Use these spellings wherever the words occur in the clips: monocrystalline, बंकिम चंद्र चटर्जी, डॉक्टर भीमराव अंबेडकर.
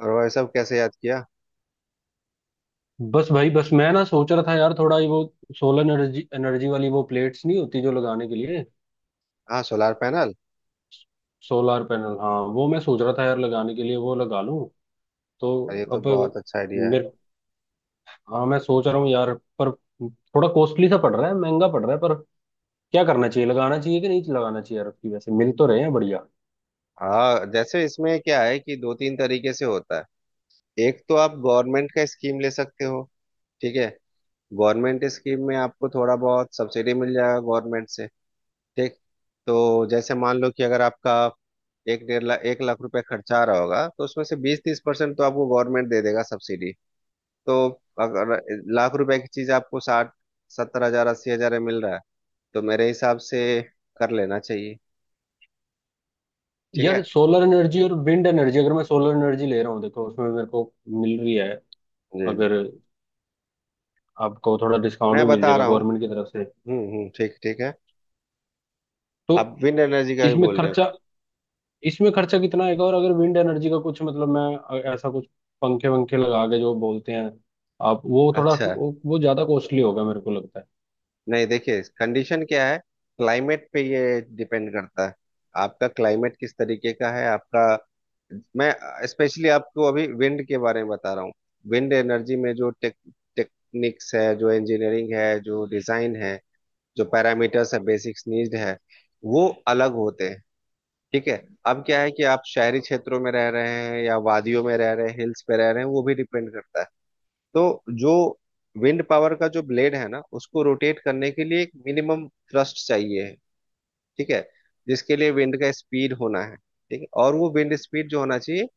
और भाई साहब कैसे याद किया। बस भाई बस मैं ना सोच रहा था यार, थोड़ा ये वो सोलर एनर्जी एनर्जी वाली वो प्लेट्स नहीं होती जो लगाने के लिए। हाँ, सोलार पैनल। सोलर पैनल, हाँ, वो मैं सोच रहा था यार, लगाने के लिए वो लगा लूं तो। अरे, ये तो अब बहुत अच्छा आइडिया है। मेरे हाँ, मैं सोच रहा हूँ यार, पर थोड़ा कॉस्टली सा पड़ रहा है, महंगा पड़ रहा है, पर क्या करना चाहिए, लगाना चाहिए कि नहीं लगाना चाहिए यार। अब की वैसे मिल तो रहे हैं बढ़िया। हाँ, जैसे इसमें क्या है कि दो तीन तरीके से होता है। एक तो आप गवर्नमेंट का स्कीम ले सकते हो। ठीक है। गवर्नमेंट स्कीम में आपको थोड़ा बहुत सब्सिडी मिल जाएगा गवर्नमेंट से। ठीक। तो जैसे मान लो कि अगर आपका एक डेढ़ लाख एक लाख रुपए खर्चा आ रहा होगा, तो उसमें से 20-30% तो आपको गवर्नमेंट दे देगा सब्सिडी। तो अगर लाख रुपए की चीज आपको 60-70 हज़ार 80 हज़ार में मिल रहा है, तो मेरे हिसाब से कर लेना चाहिए। ठीक है। यार सोलर एनर्जी और विंड एनर्जी, अगर मैं सोलर एनर्जी ले रहा हूँ, देखो उसमें मेरे को मिल रही है। जी जी, अगर आपको थोड़ा डिस्काउंट मैं भी मिल बता जाएगा रहा हूँ। गवर्नमेंट की तरफ से, हम्म, ठीक ठीक है। तो अब विंड एनर्जी का भी इसमें बोल रहे हैं खर्चा कुछ। इसमें खर्चा कितना आएगा? और अगर विंड एनर्जी का कुछ मतलब, मैं ऐसा कुछ पंखे वंखे लगा के जो बोलते हैं आप, वो थोड़ा अच्छा। वो ज्यादा कॉस्टली होगा मेरे को लगता है। नहीं, देखिए कंडीशन क्या है, क्लाइमेट पे ये डिपेंड करता है। आपका क्लाइमेट किस तरीके का है आपका। मैं स्पेशली आपको अभी विंड के बारे में बता रहा हूँ। विंड एनर्जी में जो टेक्निक्स है, जो इंजीनियरिंग है, जो डिजाइन है, जो पैरामीटर्स है, बेसिक्स नीड है, वो अलग होते हैं। ठीक है। अब क्या है कि आप शहरी क्षेत्रों में रह रहे हैं या वादियों में रह रहे हैं, हिल्स पे रह रहे हैं, वो भी डिपेंड करता है। तो जो विंड पावर का जो ब्लेड है ना, उसको रोटेट करने के लिए एक मिनिमम थ्रस्ट चाहिए है। ठीक है। जिसके लिए विंड का स्पीड होना है। ठीक है। और वो विंड स्पीड जो होना चाहिए,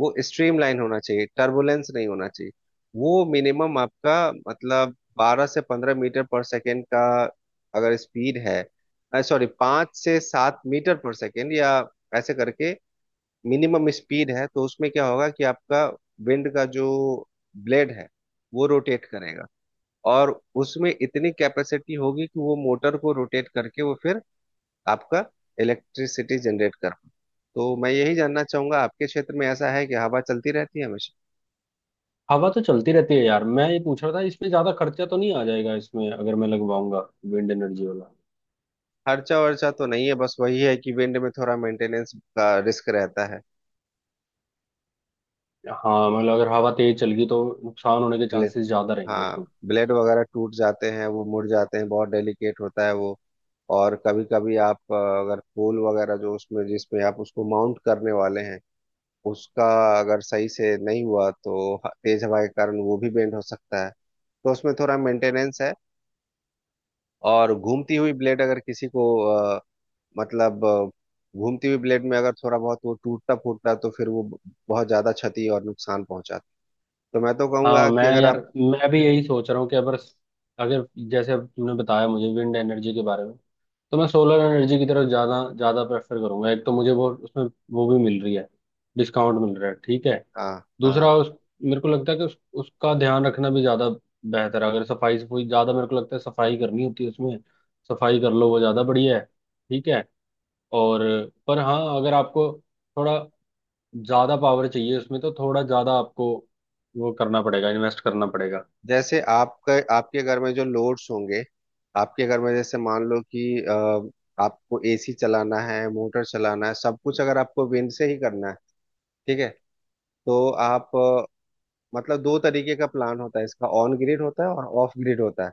वो स्ट्रीम लाइन होना चाहिए, टर्बुलेंस नहीं होना चाहिए। वो मिनिमम आपका मतलब 12 से 15 मीटर पर सेकेंड का अगर स्पीड है, सॉरी 5 से 7 मीटर पर सेकेंड या ऐसे करके मिनिमम स्पीड है, तो उसमें क्या होगा कि आपका विंड का जो ब्लेड है, वो रोटेट करेगा। और उसमें इतनी कैपेसिटी होगी कि वो मोटर को रोटेट करके वो फिर आपका इलेक्ट्रिसिटी जनरेट कर पाए। तो मैं यही जानना चाहूंगा, आपके क्षेत्र में ऐसा है कि हवा चलती रहती है हमेशा। हवा तो चलती रहती है यार, मैं ये पूछ रहा था इसमें ज्यादा खर्चा तो नहीं आ जाएगा इसमें, अगर मैं लगवाऊंगा विंड एनर्जी वाला। खर्चा वर्चा तो नहीं है, बस वही है कि विंड में थोड़ा मेंटेनेंस का रिस्क रहता है। हाँ मतलब अगर हवा तेज चल गई तो नुकसान होने के ब्लेड, चांसेस ज्यादा रहेंगे हाँ, उसमें। ब्लेड वगैरह टूट जाते हैं, वो मुड़ जाते हैं, बहुत डेलिकेट होता है वो। और कभी कभी आप अगर पोल वगैरह जो उसमें जिसमें आप उसको माउंट करने वाले हैं, उसका अगर सही से नहीं हुआ तो तेज हवा के कारण वो भी बेंड हो सकता है। तो उसमें थोड़ा मेंटेनेंस है। और घूमती हुई ब्लेड अगर किसी को मतलब अ, घूमती हुई ब्लेड में अगर थोड़ा बहुत वो टूटता फूटता तो फिर वो बहुत ज्यादा क्षति और नुकसान पहुंचाता। तो मैं तो हाँ कहूंगा मैं कि अगर यार, आप। मैं भी यही सोच रहा हूँ कि अगर, जैसे अब तुमने बताया मुझे विंड एनर्जी के बारे में, तो मैं सोलर एनर्जी की तरफ ज़्यादा ज़्यादा प्रेफर करूंगा। एक तो मुझे वो, उसमें वो भी मिल रही है, डिस्काउंट मिल रहा है, ठीक है। हाँ। हाँ, दूसरा उस, मेरे को लगता है कि उसका ध्यान रखना भी ज़्यादा बेहतर है। अगर सफाई, सफाई ज़्यादा मेरे को लगता है सफाई करनी होती है उसमें, सफाई कर लो वो ज़्यादा बढ़िया है, ठीक है। और पर हाँ, अगर आपको थोड़ा ज़्यादा पावर चाहिए उसमें, तो थोड़ा ज़्यादा आपको वो करना पड़ेगा, इन्वेस्ट करना पड़ेगा। जैसे आपका आपके घर में जो लोड्स होंगे, आपके घर में जैसे मान लो कि आपको एसी चलाना है, मोटर चलाना है, सब कुछ अगर आपको विंड से ही करना है। ठीक है। तो आप मतलब दो तरीके का प्लान होता है इसका, ऑन ग्रिड होता है और ऑफ ग्रिड होता है।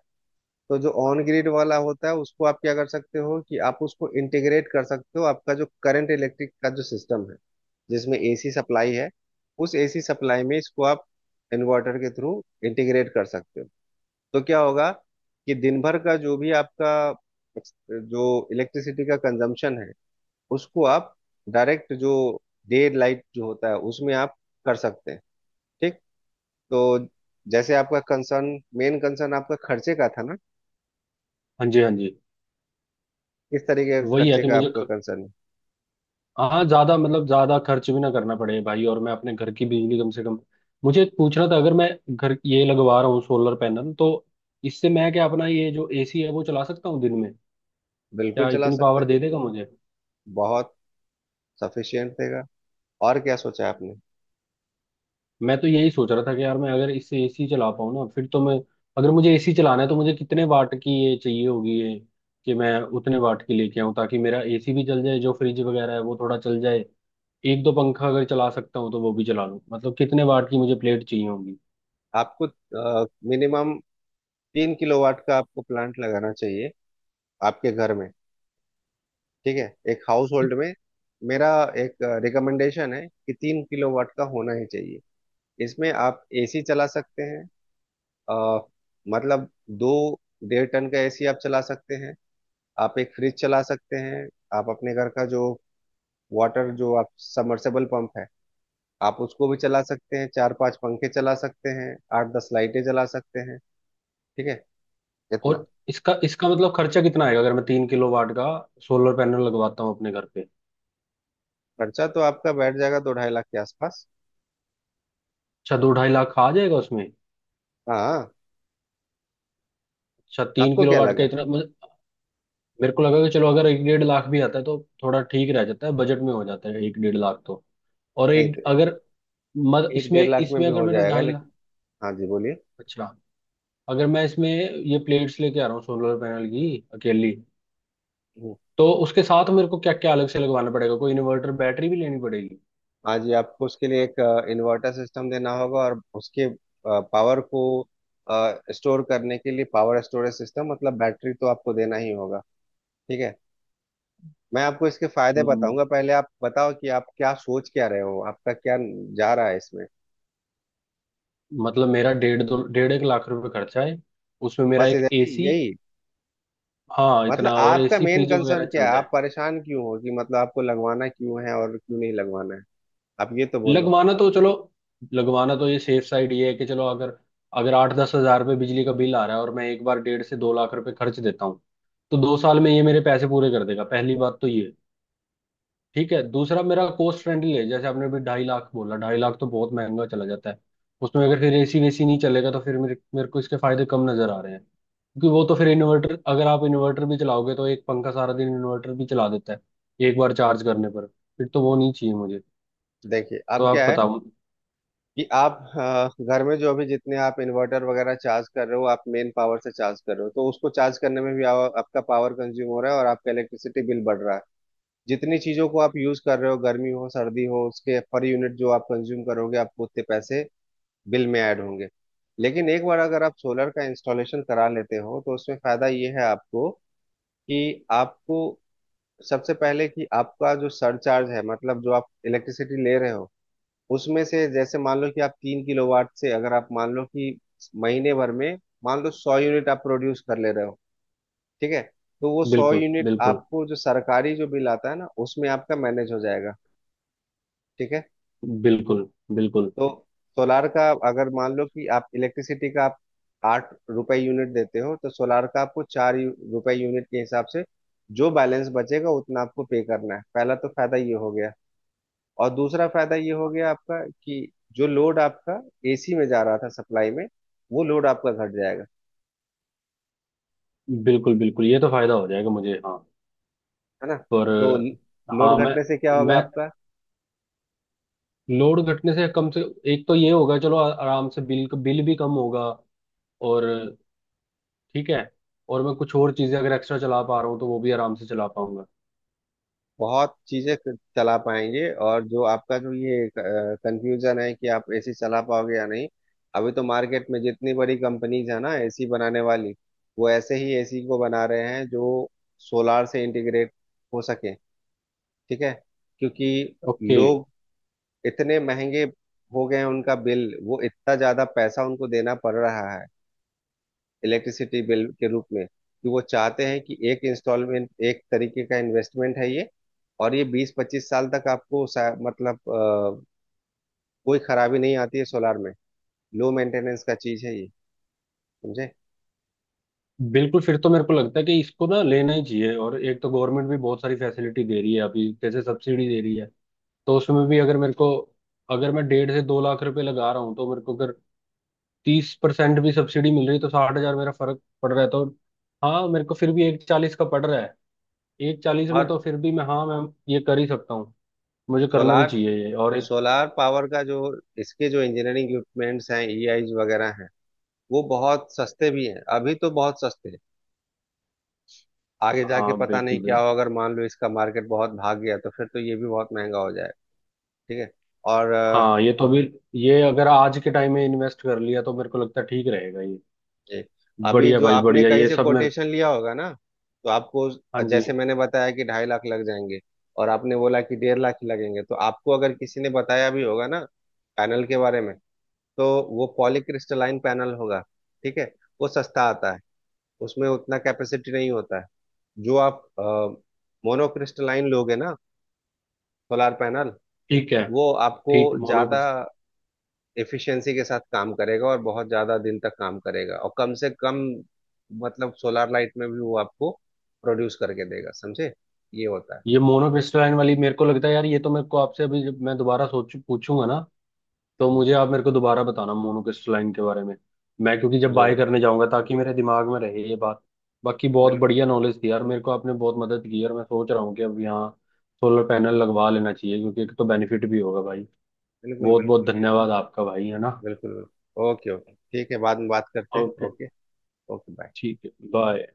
तो जो ऑन ग्रिड वाला होता है उसको आप क्या कर सकते हो कि आप उसको इंटीग्रेट कर सकते हो आपका जो करंट इलेक्ट्रिक का जो सिस्टम है, जिसमें एसी सप्लाई है, उस एसी सप्लाई में इसको आप इन्वर्टर के थ्रू इंटीग्रेट कर सकते हो। तो क्या होगा कि दिन भर का जो भी आपका जो इलेक्ट्रिसिटी का कंजम्पशन है, उसको आप डायरेक्ट जो डे लाइट जो होता है उसमें आप कर सकते हैं। ठीक। तो जैसे आपका कंसर्न, मेन कंसर्न आपका खर्चे का था ना। हाँ जी, हाँ जी। किस तरीके का वही है खर्चे कि का मुझे, आपका कंसर्न है। हाँ, ज्यादा मतलब ज्यादा खर्च भी ना करना पड़े भाई, और मैं अपने घर की बिजली कम से कम। मुझे एक पूछना था, अगर मैं घर ये लगवा रहा हूँ सोलर पैनल, तो इससे मैं क्या अपना ये जो एसी है वो चला सकता हूँ दिन में? बिल्कुल क्या चला इतनी सकते पावर हैं। दे देगा मुझे? बहुत सफिशियंट रहेगा। और क्या सोचा है आपने। मैं तो यही सोच रहा था कि यार मैं अगर इससे एसी चला पाऊँ ना, फिर तो मैं। अगर मुझे एसी चलाना है तो मुझे कितने वाट की ये चाहिए होगी ये, कि मैं उतने वाट की लेके आऊँ ताकि मेरा एसी भी चल जाए, जो फ्रिज वगैरह है वो थोड़ा चल जाए, एक दो पंखा अगर चला सकता हूँ तो वो भी चला लूँ, मतलब कितने वाट की मुझे प्लेट चाहिए? आपको मिनिमम 3 किलोवाट का आपको प्लांट लगाना चाहिए आपके घर में। ठीक है। एक हाउस होल्ड में मेरा एक रिकमेंडेशन है कि 3 किलोवाट का होना ही चाहिए। इसमें आप एसी चला सकते हैं। अ, मतलब दो डेढ़ टन का एसी आप चला सकते हैं, आप एक फ्रिज चला सकते हैं, आप अपने घर का जो वाटर जो आप सबमर्सिबल पंप है, आप उसको भी चला सकते हैं, चार पांच पंखे चला सकते हैं, 8-10 लाइटें जला सकते हैं। ठीक है। इतना और इसका इसका मतलब खर्चा कितना आएगा अगर मैं 3 किलोवाट का सोलर पैनल लगवाता हूँ अपने घर पे? खर्चा तो आपका बैठ जाएगा दो ढाई लाख के आसपास। अच्छा, दो ढाई लाख आ जाएगा उसमें? हाँ। अच्छा, तीन आपको किलो क्या वाट का लगा। इतना मुझे-। मेरे को लगा कि चलो, अगर एक डेढ़ लाख भी आता है तो थोड़ा ठीक रह जाता है, बजट में हो जाता है एक डेढ़ लाख तो। और नहीं एक तो अगर, मत एक इसमें डेढ़ लाख में इसमें भी अगर हो मेरा जाएगा, 2.5 लाख। लेकिन हाँ जी, बोलिए। अच्छा, अगर मैं इसमें ये प्लेट्स लेके आ रहा हूँ सोलर पैनल की, अकेली, हम्म। तो उसके साथ मेरे को क्या क्या अलग से लगवाना पड़ेगा? कोई इन्वर्टर, बैटरी भी लेनी पड़ेगी? हाँ जी, आपको उसके लिए एक इन्वर्टर सिस्टम देना होगा और उसके पावर को स्टोर करने के लिए पावर स्टोरेज सिस्टम मतलब बैटरी तो आपको देना ही होगा। ठीक है। मैं आपको इसके फायदे हम्म। बताऊंगा, पहले आप बताओ कि आप क्या सोच क्या रहे हो, आपका क्या जा रहा है इसमें। मतलब मेरा डेढ़ दो डेढ़ एक लाख रुपए खर्चा है, उसमें मेरा बस एक इधर ही, एसी। यही। हाँ इतना, मतलब और आपका एसी मेन फ्रिज वगैरह कंसर्न क्या चल है, आप जाए। परेशान क्यों हो, कि मतलब आपको लगवाना क्यों है और क्यों नहीं लगवाना है, आप ये तो बोलो। लगवाना तो, चलो, लगवाना तो ये सेफ साइड ये है कि चलो, अगर अगर 8-10 हज़ार रुपये बिजली का बिल आ रहा है और मैं एक बार 1.5 से 2 लाख रुपए खर्च देता हूँ तो 2 साल में ये मेरे पैसे पूरे कर देगा, पहली बात तो ये। ठीक है, दूसरा मेरा कॉस्ट फ्रेंडली है। जैसे आपने अभी 2.5 लाख बोला, 2.5 लाख तो बहुत महंगा चला जाता है। उसमें अगर फिर एसी वेसी नहीं चलेगा तो फिर मेरे मेरे को इसके फायदे कम नजर आ रहे हैं, क्योंकि वो तो फिर इन्वर्टर, अगर आप इन्वर्टर भी चलाओगे तो एक पंखा सारा दिन इन्वर्टर भी चला देता है एक बार चार्ज करने पर, फिर तो वो नहीं चाहिए मुझे। देखिए तो अब आप क्या है बताओ। कि आप घर में जो अभी जितने आप इन्वर्टर वगैरह चार्ज कर रहे हो, आप मेन पावर से चार्ज कर रहे हो, तो उसको चार्ज करने में भी आपका पावर कंज्यूम हो रहा है और आपका इलेक्ट्रिसिटी बिल बढ़ रहा है। जितनी चीजों को आप यूज कर रहे हो, गर्मी हो सर्दी हो, उसके पर यूनिट जो आप कंज्यूम करोगे, आपको उतने पैसे बिल में ऐड होंगे। लेकिन एक बार अगर आप सोलर का इंस्टॉलेशन करा लेते हो, तो उसमें फायदा ये है आपको कि आपको सबसे पहले कि आपका जो सरचार्ज है, मतलब जो आप इलेक्ट्रिसिटी ले रहे हो, उसमें से जैसे मान लो कि आप 3 किलोवाट से अगर आप मान लो कि महीने भर में मान लो 100 यूनिट आप प्रोड्यूस कर ले रहे हो। ठीक है। तो वो सौ बिल्कुल, यूनिट बिल्कुल। आपको जो सरकारी जो बिल आता है ना, उसमें आपका मैनेज हो जाएगा। ठीक है। बिल्कुल, बिल्कुल। तो सोलार का अगर मान लो कि आप इलेक्ट्रिसिटी का आप 8 रुपए यूनिट देते हो, तो सोलार का आपको चार रुपए यूनिट के हिसाब से जो बैलेंस बचेगा उतना आपको पे करना है। पहला तो फायदा ये हो गया। और दूसरा फायदा ये हो गया आपका कि जो लोड आपका एसी में जा रहा था सप्लाई में, वो लोड आपका घट जाएगा। बिल्कुल, बिल्कुल, ये तो फायदा हो जाएगा मुझे, हाँ। है ना। पर तो लोड हाँ, मैं घटने से क्या होगा मैं आपका। लोड घटने से कम से, एक तो ये होगा, चलो, आराम से बिल, भी कम होगा। और ठीक है, और मैं कुछ और चीजें अगर एक्स्ट्रा चला पा रहा हूँ तो वो भी आराम से चला पाऊंगा। बहुत चीजें चला पाएंगे। और जो आपका जो ये कंफ्यूजन है कि आप एसी चला पाओगे या नहीं, अभी तो मार्केट में जितनी बड़ी कंपनीज है ना एसी बनाने वाली, वो ऐसे ही एसी को बना रहे हैं जो सोलार से इंटीग्रेट हो सके। ठीक है। क्योंकि ओके। लोग इतने महंगे हो गए हैं, उनका बिल वो इतना ज्यादा पैसा उनको देना पड़ रहा है इलेक्ट्रिसिटी बिल के रूप में, कि वो चाहते हैं कि एक इंस्टॉलमेंट एक तरीके का इन्वेस्टमेंट है ये। और ये 20-25 साल तक आपको कोई खराबी नहीं आती है सोलार में। लो मेंटेनेंस का चीज है ये, समझे। बिल्कुल, फिर तो मेरे को लगता है कि इसको ना लेना ही चाहिए। और एक तो गवर्नमेंट भी बहुत सारी फैसिलिटी दे रही है अभी, जैसे सब्सिडी दे रही है, तो उसमें भी अगर मेरे को, अगर मैं 1.5 से 2 लाख रुपए लगा रहा हूँ तो मेरे को अगर 30% भी सब्सिडी मिल रही है तो 60 हज़ार मेरा फर्क पड़ रहा है, तो हाँ मेरे को फिर भी एक चालीस का पड़ रहा है। एक चालीस में और तो फिर भी मैं, हाँ मैम, ये कर ही सकता हूँ। मुझे करना भी सोलार चाहिए ये। और एक, सोलार पावर का जो इसके जो इंजीनियरिंग इक्विपमेंट्स हैं, ईआईज वगैरह हैं, वो बहुत सस्ते भी हैं, अभी तो बहुत सस्ते हैं। आगे जाके हाँ पता बिल्कुल, नहीं क्या हो, बिल्कुल। अगर मान लो इसका मार्केट बहुत भाग गया तो फिर तो ये भी बहुत महंगा हो जाएगा। ठीक है। और हाँ ये तो भी, ये अगर आज के टाइम में इन्वेस्ट कर लिया तो मेरे को लगता है ठीक रहेगा ये। ये, अभी बढ़िया जो भाई, आपने बढ़िया, कहीं ये से सब मेरे। कोटेशन लिया होगा ना, तो आपको हाँ जी। जैसे मैंने बताया कि 2.5 लाख लग जाएंगे, और आपने बोला कि 1.5 लाख ही लगेंगे, तो आपको अगर किसी ने बताया भी होगा ना पैनल के बारे में, तो वो पॉलीक्रिस्टलाइन पैनल होगा। ठीक है। वो सस्ता आता है, उसमें उतना कैपेसिटी नहीं होता है। जो आप मोनोक्रिस्टलाइन लोगे ना सोलार पैनल, ठीक है। वो आपको ठीक, ज्यादा मोनोक्रिस्टल। एफिशिएंसी के साथ काम करेगा और बहुत ज्यादा दिन तक काम करेगा, और कम से कम मतलब सोलर लाइट में भी वो आपको प्रोड्यूस करके देगा। समझे, ये होता है। ये मोनोक्रिस्टलाइन वाली मेरे को लगता है यार, ये तो मेरे को आपसे अभी जब मैं दोबारा सोच पूछूंगा ना, तो हम्म, मुझे आप मेरे को दोबारा बताना मोनोक्रिस्टलाइन के बारे में। मैं क्योंकि जब बाय ये करने जाऊंगा, ताकि मेरे दिमाग में रहे ये बात। बाकी बहुत बिल्कुल बढ़िया नॉलेज थी यार, मेरे को आपने बहुत मदद की यार। मैं सोच रहा हूँ कि अब यहाँ सोलर पैनल लगवा लेना चाहिए, क्योंकि एक तो बेनिफिट भी होगा भाई। बिल्कुल। बहुत बहुत बिल्कुल ये धन्यवाद आपका भाई, है ना। बिल्कुल बिल्कुल, ओके ओके, ठीक है, बाद में बात करते हैं, ओके, ओके। Okay bye. ठीक है, बाय।